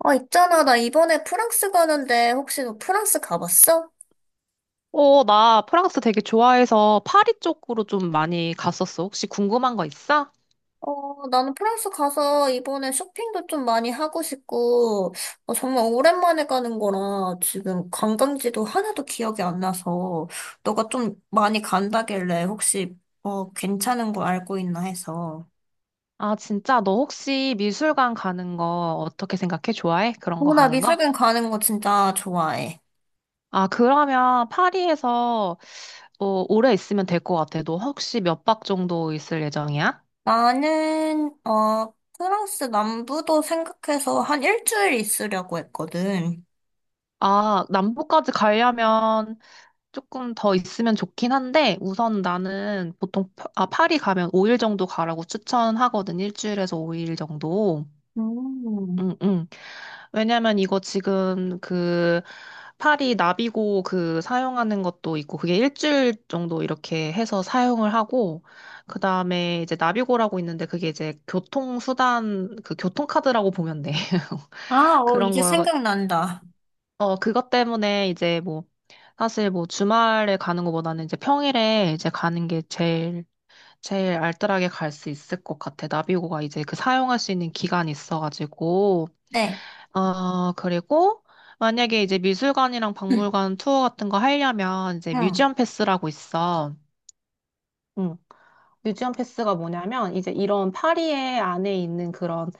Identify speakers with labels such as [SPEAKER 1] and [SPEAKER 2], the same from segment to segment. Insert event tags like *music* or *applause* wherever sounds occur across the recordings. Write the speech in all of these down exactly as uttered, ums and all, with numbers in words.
[SPEAKER 1] 아, 있잖아. 나 이번에 프랑스 가는데 혹시 너 프랑스 가봤어?
[SPEAKER 2] 어, 나 프랑스 되게 좋아해서 파리 쪽으로 좀 많이 갔었어. 혹시 궁금한 거 있어?
[SPEAKER 1] 어, 나는 프랑스 가서 이번에 쇼핑도 좀 많이 하고 싶고, 어, 정말 오랜만에 가는 거라 지금 관광지도 하나도 기억이 안 나서, 너가 좀 많이 간다길래 혹시, 어, 괜찮은 거 알고 있나 해서.
[SPEAKER 2] 아, 진짜? 너 혹시 미술관 가는 거 어떻게 생각해? 좋아해? 그런 거
[SPEAKER 1] 어, 나
[SPEAKER 2] 가는 거?
[SPEAKER 1] 미술관 가는 거 진짜 좋아해.
[SPEAKER 2] 아, 그러면 파리에서 어, 오래 있으면 될 것 같아. 너 혹시 몇 박 정도 있을 예정이야?
[SPEAKER 1] 나는, 어, 프랑스 남부도 생각해서 한 일주일 있으려고 했거든.
[SPEAKER 2] 아, 남부까지 가려면 조금 더 있으면 좋긴 한데, 우선 나는 보통, 파- 아, 파리 가면 오 일 정도 가라고 추천하거든. 일주일에서 오 일 정도.
[SPEAKER 1] 음.
[SPEAKER 2] 응, 응. 왜냐면 이거 지금 그 파리 나비고 그 사용하는 것도 있고 그게 일주일 정도 이렇게 해서 사용을 하고 그 다음에 이제 나비고라고 있는데 그게 이제 교통수단 그 교통카드라고 보면 돼. *laughs*
[SPEAKER 1] 아, 어,
[SPEAKER 2] 그런
[SPEAKER 1] 이제
[SPEAKER 2] 거요.
[SPEAKER 1] 생각난다.
[SPEAKER 2] 어, 그것 때문에 이제 뭐 사실 뭐 주말에 가는 것보다는 이제 평일에 이제 가는 게 제일 제일 알뜰하게 갈 수 있을 것 같아. 나비고가 이제 그 사용할 수 있는 기간이 있어가지고.
[SPEAKER 1] 네.
[SPEAKER 2] 어, 그리고 만약에 이제 미술관이랑
[SPEAKER 1] 응,
[SPEAKER 2] 박물관 투어 같은 거 하려면 이제
[SPEAKER 1] 응.
[SPEAKER 2] 뮤지엄 패스라고 있어. 응. 뮤지엄 패스가 뭐냐면 이제 이런 파리에 안에 있는 그런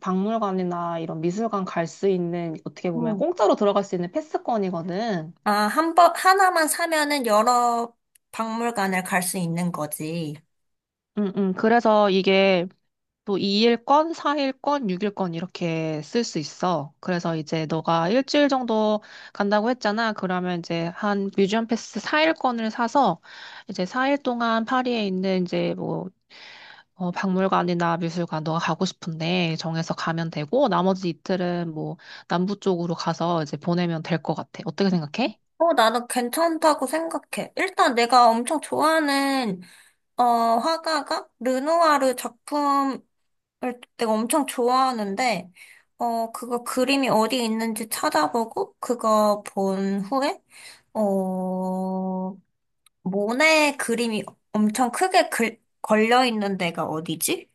[SPEAKER 2] 박물관이나 이런 미술관 갈 수 있는 어떻게 보면
[SPEAKER 1] 응.
[SPEAKER 2] 공짜로 들어갈 수 있는 패스권이거든.
[SPEAKER 1] 아, 한 번, 하나만 사면은 여러 박물관을 갈 수 있는 거지.
[SPEAKER 2] 응, 응. 그래서 이게 또 이 일권, 사 일권, 육 일권 이렇게 쓸 수 있어. 그래서 이제 너가 일주일 정도 간다고 했잖아. 그러면 이제 한 뮤지엄 패스 사 일권을 사서 이제 사 일 동안 파리에 있는 이제 뭐 어, 박물관이나 미술관 너가 가고 싶은데 정해서 가면 되고 나머지 이틀은 뭐 남부 쪽으로 가서 이제 보내면 될 것 같아. 어떻게 생각해?
[SPEAKER 1] 어, 나는 괜찮다고 생각해. 일단 내가 엄청 좋아하는, 어, 화가가 르누아르 작품을 내가 엄청 좋아하는데, 어, 그거 그림이 어디 있는지 찾아보고, 그거 본 후에, 어, 모네 그림이 엄청 크게 글, 걸려 있는 데가 어디지?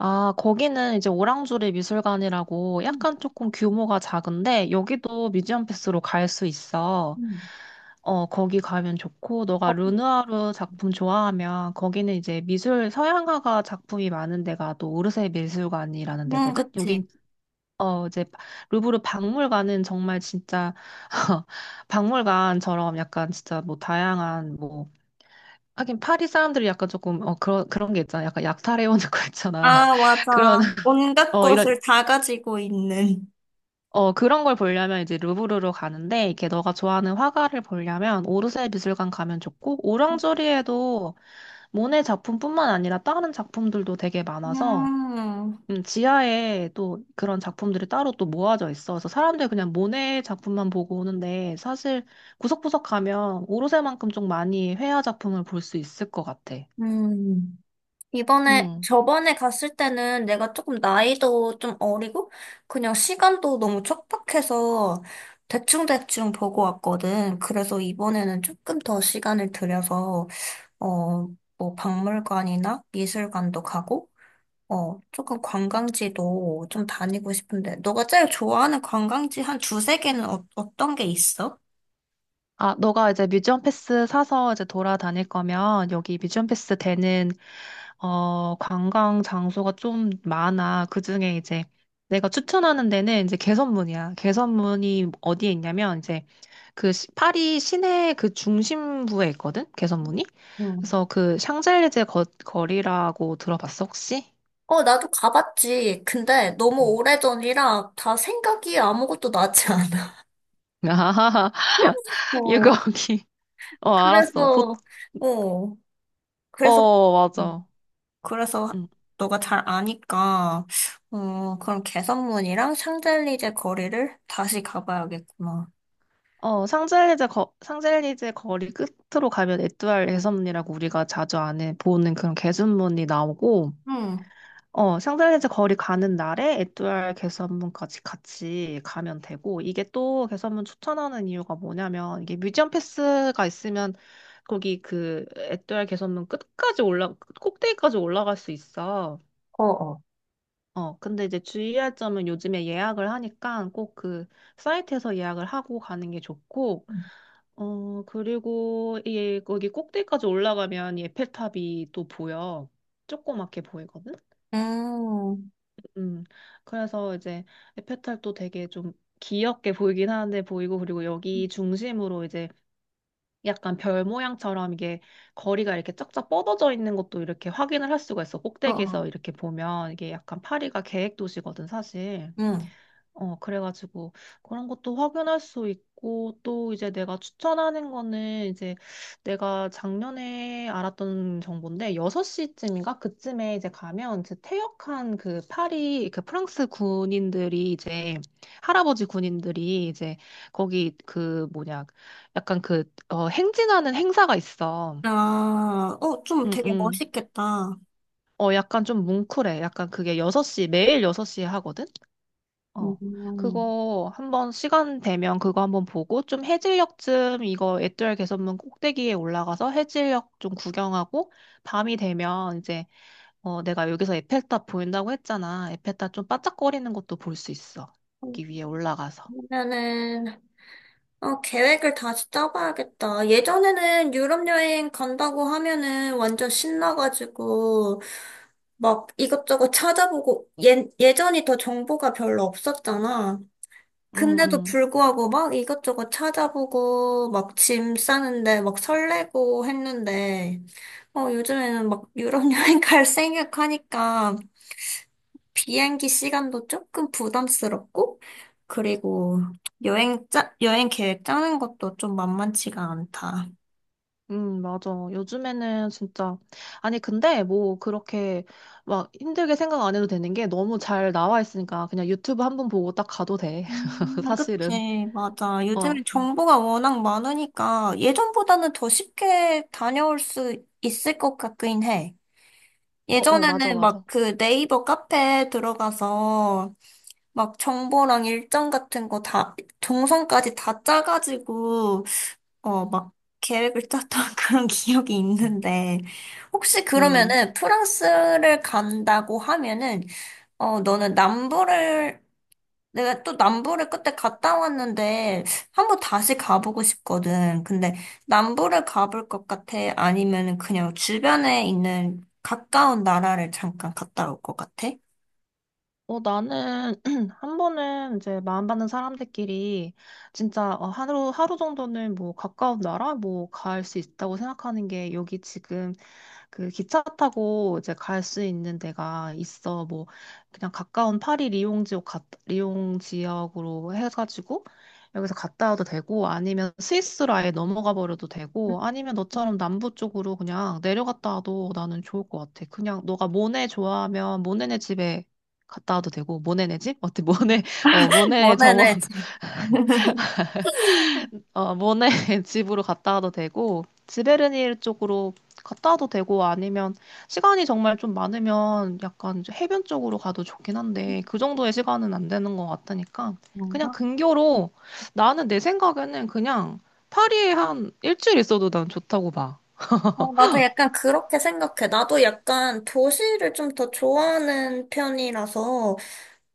[SPEAKER 2] 아, 거기는 이제 오랑주리 미술관이라고
[SPEAKER 1] 음,
[SPEAKER 2] 약간 조금 규모가 작은데 여기도 뮤지엄 패스로 갈 수 있어.
[SPEAKER 1] 음.
[SPEAKER 2] 어, 거기 가면 좋고 너가
[SPEAKER 1] 어,
[SPEAKER 2] 르누아르 작품 좋아하면 거기는 이제 미술 서양화가 작품이 많은 데가 또 오르세 미술관이라는
[SPEAKER 1] 음,
[SPEAKER 2] 데거든.
[SPEAKER 1] 그치.
[SPEAKER 2] 여긴 어, 이제 루브르 박물관은 정말 진짜 *laughs* 박물관처럼 약간 진짜 뭐 다양한 뭐 하긴 파리 사람들이 약간 조금 어 그런 그런 게 있잖아. 약간 약탈해 오는 거 있잖아.
[SPEAKER 1] 아, 맞아.
[SPEAKER 2] *laughs* 그런
[SPEAKER 1] 온갖
[SPEAKER 2] 어, 이런,
[SPEAKER 1] 것을 다 가지고 있는.
[SPEAKER 2] 어, 그런 걸 보려면 이제 루브르로 가는데, 이렇게 너가 좋아하는 화가를 보려면 오르세 미술관 가면 좋고, 오랑조리에도 모네 작품뿐만 아니라 다른 작품들도 되게 많아서,
[SPEAKER 1] 음,
[SPEAKER 2] 음, 지하에 또 그런 작품들이 따로 또 모아져 있어. 그래서 사람들 그냥 모네 작품만 보고 오는데, 사실 구석구석 가면 오르세만큼 좀 많이 회화 작품을 볼 수 있을 것 같아.
[SPEAKER 1] 음. 이번에,
[SPEAKER 2] 음.
[SPEAKER 1] 저번에 갔을 때는 내가 조금 나이도 좀 어리고, 그냥 시간도 너무 촉박해서 대충대충 보고 왔거든. 그래서 이번에는 조금 더 시간을 들여서, 어, 뭐 박물관이나 미술관도 가고, 어, 조금 관광지도 좀 다니고 싶은데, 너가 제일 좋아하는 관광지 한 두세 개는 어, 어떤 게 있어?
[SPEAKER 2] 아, 너가 이제 뮤지엄 패스 사서 이제 돌아다닐 거면 여기 뮤지엄 패스 되는 어, 관광 장소가 좀 많아. 그중에 이제 내가 추천하는 데는 이제 개선문이야. 개선문이 어디에 있냐면 이제 그 시- 파리 시내 그 중심부에 있거든. 개선문이.
[SPEAKER 1] 응.
[SPEAKER 2] 그래서 그 샹젤리제 거, 거리라고 들어봤어, 혹시?
[SPEAKER 1] 어, 나도 가봤지. 근데 너무
[SPEAKER 2] *laughs*
[SPEAKER 1] 오래전이라 다 생각이 아무것도 나지 않아.
[SPEAKER 2] 아,
[SPEAKER 1] *laughs*
[SPEAKER 2] 이거
[SPEAKER 1] 어,
[SPEAKER 2] 거기. 어, 알았어. 보,
[SPEAKER 1] 그래서, 어, 그래서,
[SPEAKER 2] 어,
[SPEAKER 1] 음.
[SPEAKER 2] 맞아.
[SPEAKER 1] 그래서
[SPEAKER 2] 응.
[SPEAKER 1] 너가 잘 아니까, 어, 그럼 개선문이랑 샹젤리제 거리를 다시 가봐야겠구나.
[SPEAKER 2] 어, 상젤리제 거, 상젤리제 거리 끝으로 가면 에뚜알 개선문이라고 우리가 자주 안에 보는 그런 개선문이 나오고,
[SPEAKER 1] 응,
[SPEAKER 2] 어, 상젤리제 거리 가는 날에 에뚜알 개선문까지 같이 가면 되고, 이게 또 개선문 추천하는 이유가 뭐냐면, 이게 뮤지엄 패스가 있으면 거기 그 에뚜알 개선문 끝까지 올라, 꼭대기까지 올라갈 수 있어.
[SPEAKER 1] 어, 어.
[SPEAKER 2] 어, 근데 이제 주의할 점은 요즘에 예약을 하니까 꼭 그 사이트에서 예약을 하고 가는 게 좋고, 어, 그리고 이 거기 꼭대기까지 올라가면 이 에펠탑이 또 보여. 조그맣게 보이거든?
[SPEAKER 1] 음,
[SPEAKER 2] 음, 그래서 이제 에펠탑도 되게 좀 귀엽게 보이긴 하는데 보이고, 그리고 여기 중심으로 이제 약간 별 모양처럼 이게 거리가 이렇게 쫙쫙 뻗어져 있는 것도 이렇게 확인을 할 수가 있어.
[SPEAKER 1] 어, 어.
[SPEAKER 2] 꼭대기에서 이렇게 보면 이게 약간 파리가 계획 도시거든, 사실.
[SPEAKER 1] 응.
[SPEAKER 2] 어, 그래가지고 그런 것도 확인할 수 있고 또 이제 내가 추천하는 거는 이제 내가 작년에 알았던 정보인데 여섯 시쯤인가 그쯤에 이제 가면 이제 퇴역한 그 파리 그 프랑스 군인들이 이제 할아버지 군인들이 이제 거기 그 뭐냐 약간 그 어, 행진하는 행사가 있어.
[SPEAKER 1] 아, 어, 좀
[SPEAKER 2] 응,
[SPEAKER 1] 되게
[SPEAKER 2] 응.
[SPEAKER 1] 멋있겠다.
[SPEAKER 2] 어, 약간 좀 뭉클해. 약간 그게 여섯 시 매일 여섯 시에 하거든? 어,
[SPEAKER 1] 음.
[SPEAKER 2] 그거 한번 시간 되면 그거 한번 보고 좀 해질녘쯤 이거 애알 개선문 꼭대기에 올라가서 해질녘 좀 구경하고 밤이 되면 이제 어, 내가 여기서 에펠탑 보인다고 했잖아. 에펠탑 좀 반짝거리는 것도 볼 수 있어. 여기 위에 올라가서.
[SPEAKER 1] 그러면은, 어, 계획을 다시 짜봐야겠다. 예전에는 유럽 여행 간다고 하면은 완전 신나가지고, 막 이것저것 찾아보고, 예, 예전이 더 정보가 별로 없었잖아.
[SPEAKER 2] 응,
[SPEAKER 1] 근데도
[SPEAKER 2] 응.
[SPEAKER 1] 불구하고 막 이것저것 찾아보고, 막 짐 싸는데 막 설레고 했는데, 어, 요즘에는 막 유럽 *laughs* 여행 갈 생각하니까, 비행기 시간도 조금 부담스럽고, 그리고 여행 짜, 여행 계획 짜는 것도 좀 만만치가 않다.
[SPEAKER 2] 응, 맞아. 요즘에는 진짜. 아니, 근데 뭐 그렇게 막 힘들게 생각 안 해도 되는 게 너무 잘 나와 있으니까 그냥 유튜브 한번 보고 딱 가도 돼. *laughs*
[SPEAKER 1] 음, 아,
[SPEAKER 2] 사실은.
[SPEAKER 1] 그치, 맞아.
[SPEAKER 2] 어,
[SPEAKER 1] 요즘에
[SPEAKER 2] 어,
[SPEAKER 1] 정보가 워낙 많으니까 예전보다는 더 쉽게 다녀올 수 있을 것 같긴 해.
[SPEAKER 2] 어, 어, 맞아,
[SPEAKER 1] 예전에는 막
[SPEAKER 2] 맞아.
[SPEAKER 1] 그 네이버 카페에 들어가서 막 정보랑 일정 같은 거 다, 동선까지 다 짜가지고 어, 막 계획을 짰던 *laughs* 그런 기억이 있는데, 혹시
[SPEAKER 2] 음,
[SPEAKER 1] 그러면은 프랑스를 간다고 하면은, 어, 너는 남부를, 내가 또 남부를 그때 갔다 왔는데, 한번 다시 가보고 싶거든. 근데 남부를 가볼 것 같아? 아니면은 그냥 주변에 있는 가까운 나라를 잠깐 갔다 올 것 같아?
[SPEAKER 2] 어, 나는 *clears throat* 한 번은 이제 마음 받는 사람들끼리 진짜 어, 하루, 하루 정도는 뭐 가까운 나라 뭐 갈 수 있다고 생각하는 게 여기 지금 그 기차 타고 이제 갈 수 있는 데가 있어. 뭐 그냥 가까운 파리 리옹 지역, 갔- 리옹 지역으로 해가지고 여기서 갔다 와도 되고 아니면 스위스로 아예 넘어가 버려도 되고 아니면 너처럼 남부 쪽으로 그냥 내려갔다 와도 나는 좋을 것 같아. 그냥 너가 모네 좋아하면 모네네 집에 갔다 와도 되고 모네네 집? 어때 모네 *laughs* 어
[SPEAKER 1] *laughs*
[SPEAKER 2] 모네 정원
[SPEAKER 1] 원하는 집.
[SPEAKER 2] *laughs*
[SPEAKER 1] *laughs*
[SPEAKER 2] 어 모네 *laughs* 집으로 갔다 와도 되고 지베르니르 쪽으로 갔다 와도 되고 아니면 시간이 정말 좀 많으면 약간 이제 해변 쪽으로 가도 좋긴 한데 그 정도의 시간은 안 되는 것 같으니까 그냥
[SPEAKER 1] 뭔가?
[SPEAKER 2] 근교로 나는 내 생각에는 그냥 파리에 한 일주일 있어도 난 좋다고 봐.
[SPEAKER 1] 어, 나도 약간 그렇게 생각해. 나도 약간 도시를 좀 더 좋아하는 편이라서,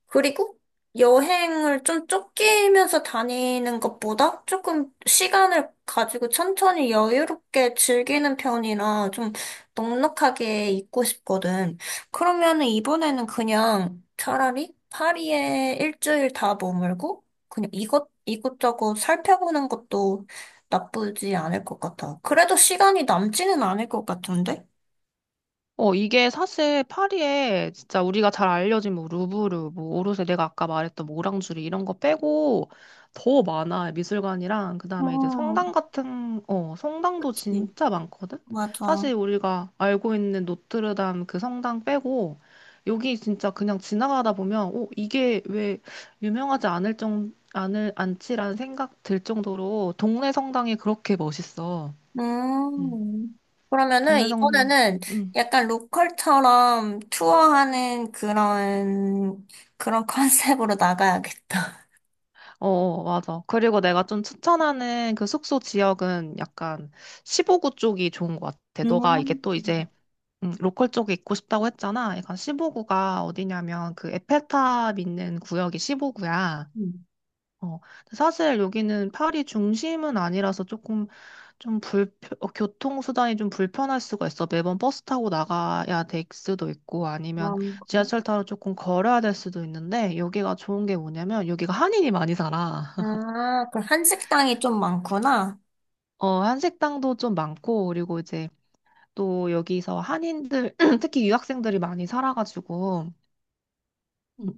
[SPEAKER 1] 그리고 여행을 좀 쫓기면서 다니는 것보다 조금 시간을 가지고 천천히 여유롭게 즐기는 편이라 좀 넉넉하게 있고 싶거든. 그러면은 이번에는 그냥 차라리 파리에 일주일 다 머물고 그냥 이것, 이것저것 살펴보는 것도 나쁘지 않을 것 같아. 그래도 시간이 남지는 않을 것 같은데?
[SPEAKER 2] 어, 이게 사실 파리에 진짜 우리가 잘 알려진 뭐 루브르, 뭐 오르세 내가 아까 말했던 뭐 오랑주리 이런 거 빼고 더 많아. 미술관이랑 그다음에 이제 성당
[SPEAKER 1] 음,
[SPEAKER 2] 같은 어, 성당도
[SPEAKER 1] 그치.
[SPEAKER 2] 진짜 많거든.
[SPEAKER 1] 맞아.
[SPEAKER 2] 사실 우리가 알고 있는 노트르담 그 성당 빼고 여기 진짜 그냥 지나가다 보면 어, 이게 왜 유명하지 않을 정 않을 않지라는 생각 들 정도로 동네 성당이 그렇게 멋있어. 음.
[SPEAKER 1] 음, 그러면은
[SPEAKER 2] 동네 성
[SPEAKER 1] 이번에는
[SPEAKER 2] 음.
[SPEAKER 1] 약간 로컬처럼 투어하는 그런, 그런 *laughs* 컨셉으로 나가야겠다.
[SPEAKER 2] 어, 맞아. 그리고 내가 좀 추천하는 그 숙소 지역은 약간 십오 구 쪽이 좋은 것 같아. 너가 이게
[SPEAKER 1] 음,
[SPEAKER 2] 또 이제 음, 로컬 쪽에 있고 싶다고 했잖아. 약간 십오 구가 어디냐면 그 에펠탑 있는 구역이 십오 구야.
[SPEAKER 1] 음.
[SPEAKER 2] 어, 근데 사실 여기는 파리 중심은 아니라서 조금 좀 불, 교통수단이 좀 불편할 수가 있어. 매번 버스 타고 나가야 될 수도 있고
[SPEAKER 1] 아,
[SPEAKER 2] 아니면
[SPEAKER 1] 그래?
[SPEAKER 2] 지하철 타러 조금 걸어야 될 수도 있는데 여기가 좋은 게 뭐냐면 여기가 한인이 많이 살아.
[SPEAKER 1] 아, 그 한식당이 좀 많구나.
[SPEAKER 2] 어, 한식당도 좀 많고, 그리고 이제 또 여기서 한인들, *clears throat* 특히 유학생들이 많이 살아가지고, 음,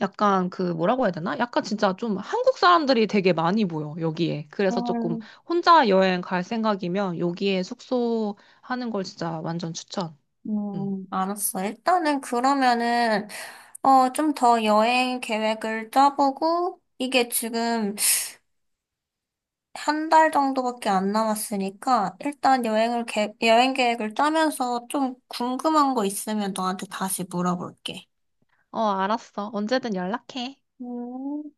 [SPEAKER 2] 약간 그 뭐라고 해야 되나? 약간 진짜 좀 한국 사람들이 되게 많이 보여, 여기에. 그래서 조금
[SPEAKER 1] 음,
[SPEAKER 2] 혼자 여행 갈 생각이면 여기에 숙소 하는 걸 진짜 완전 추천. 음.
[SPEAKER 1] 음, 알았어. 일단은 그러면은, 어, 좀 더 여행 계획을 짜보고, 이게 지금 한 달 정도밖에 안 남았으니까 일단 여행을 계, 여행 계획을 짜면서 좀 궁금한 거 있으면 너한테 다시 물어볼게.
[SPEAKER 2] 어, 알았어. 언제든 연락해.
[SPEAKER 1] 음.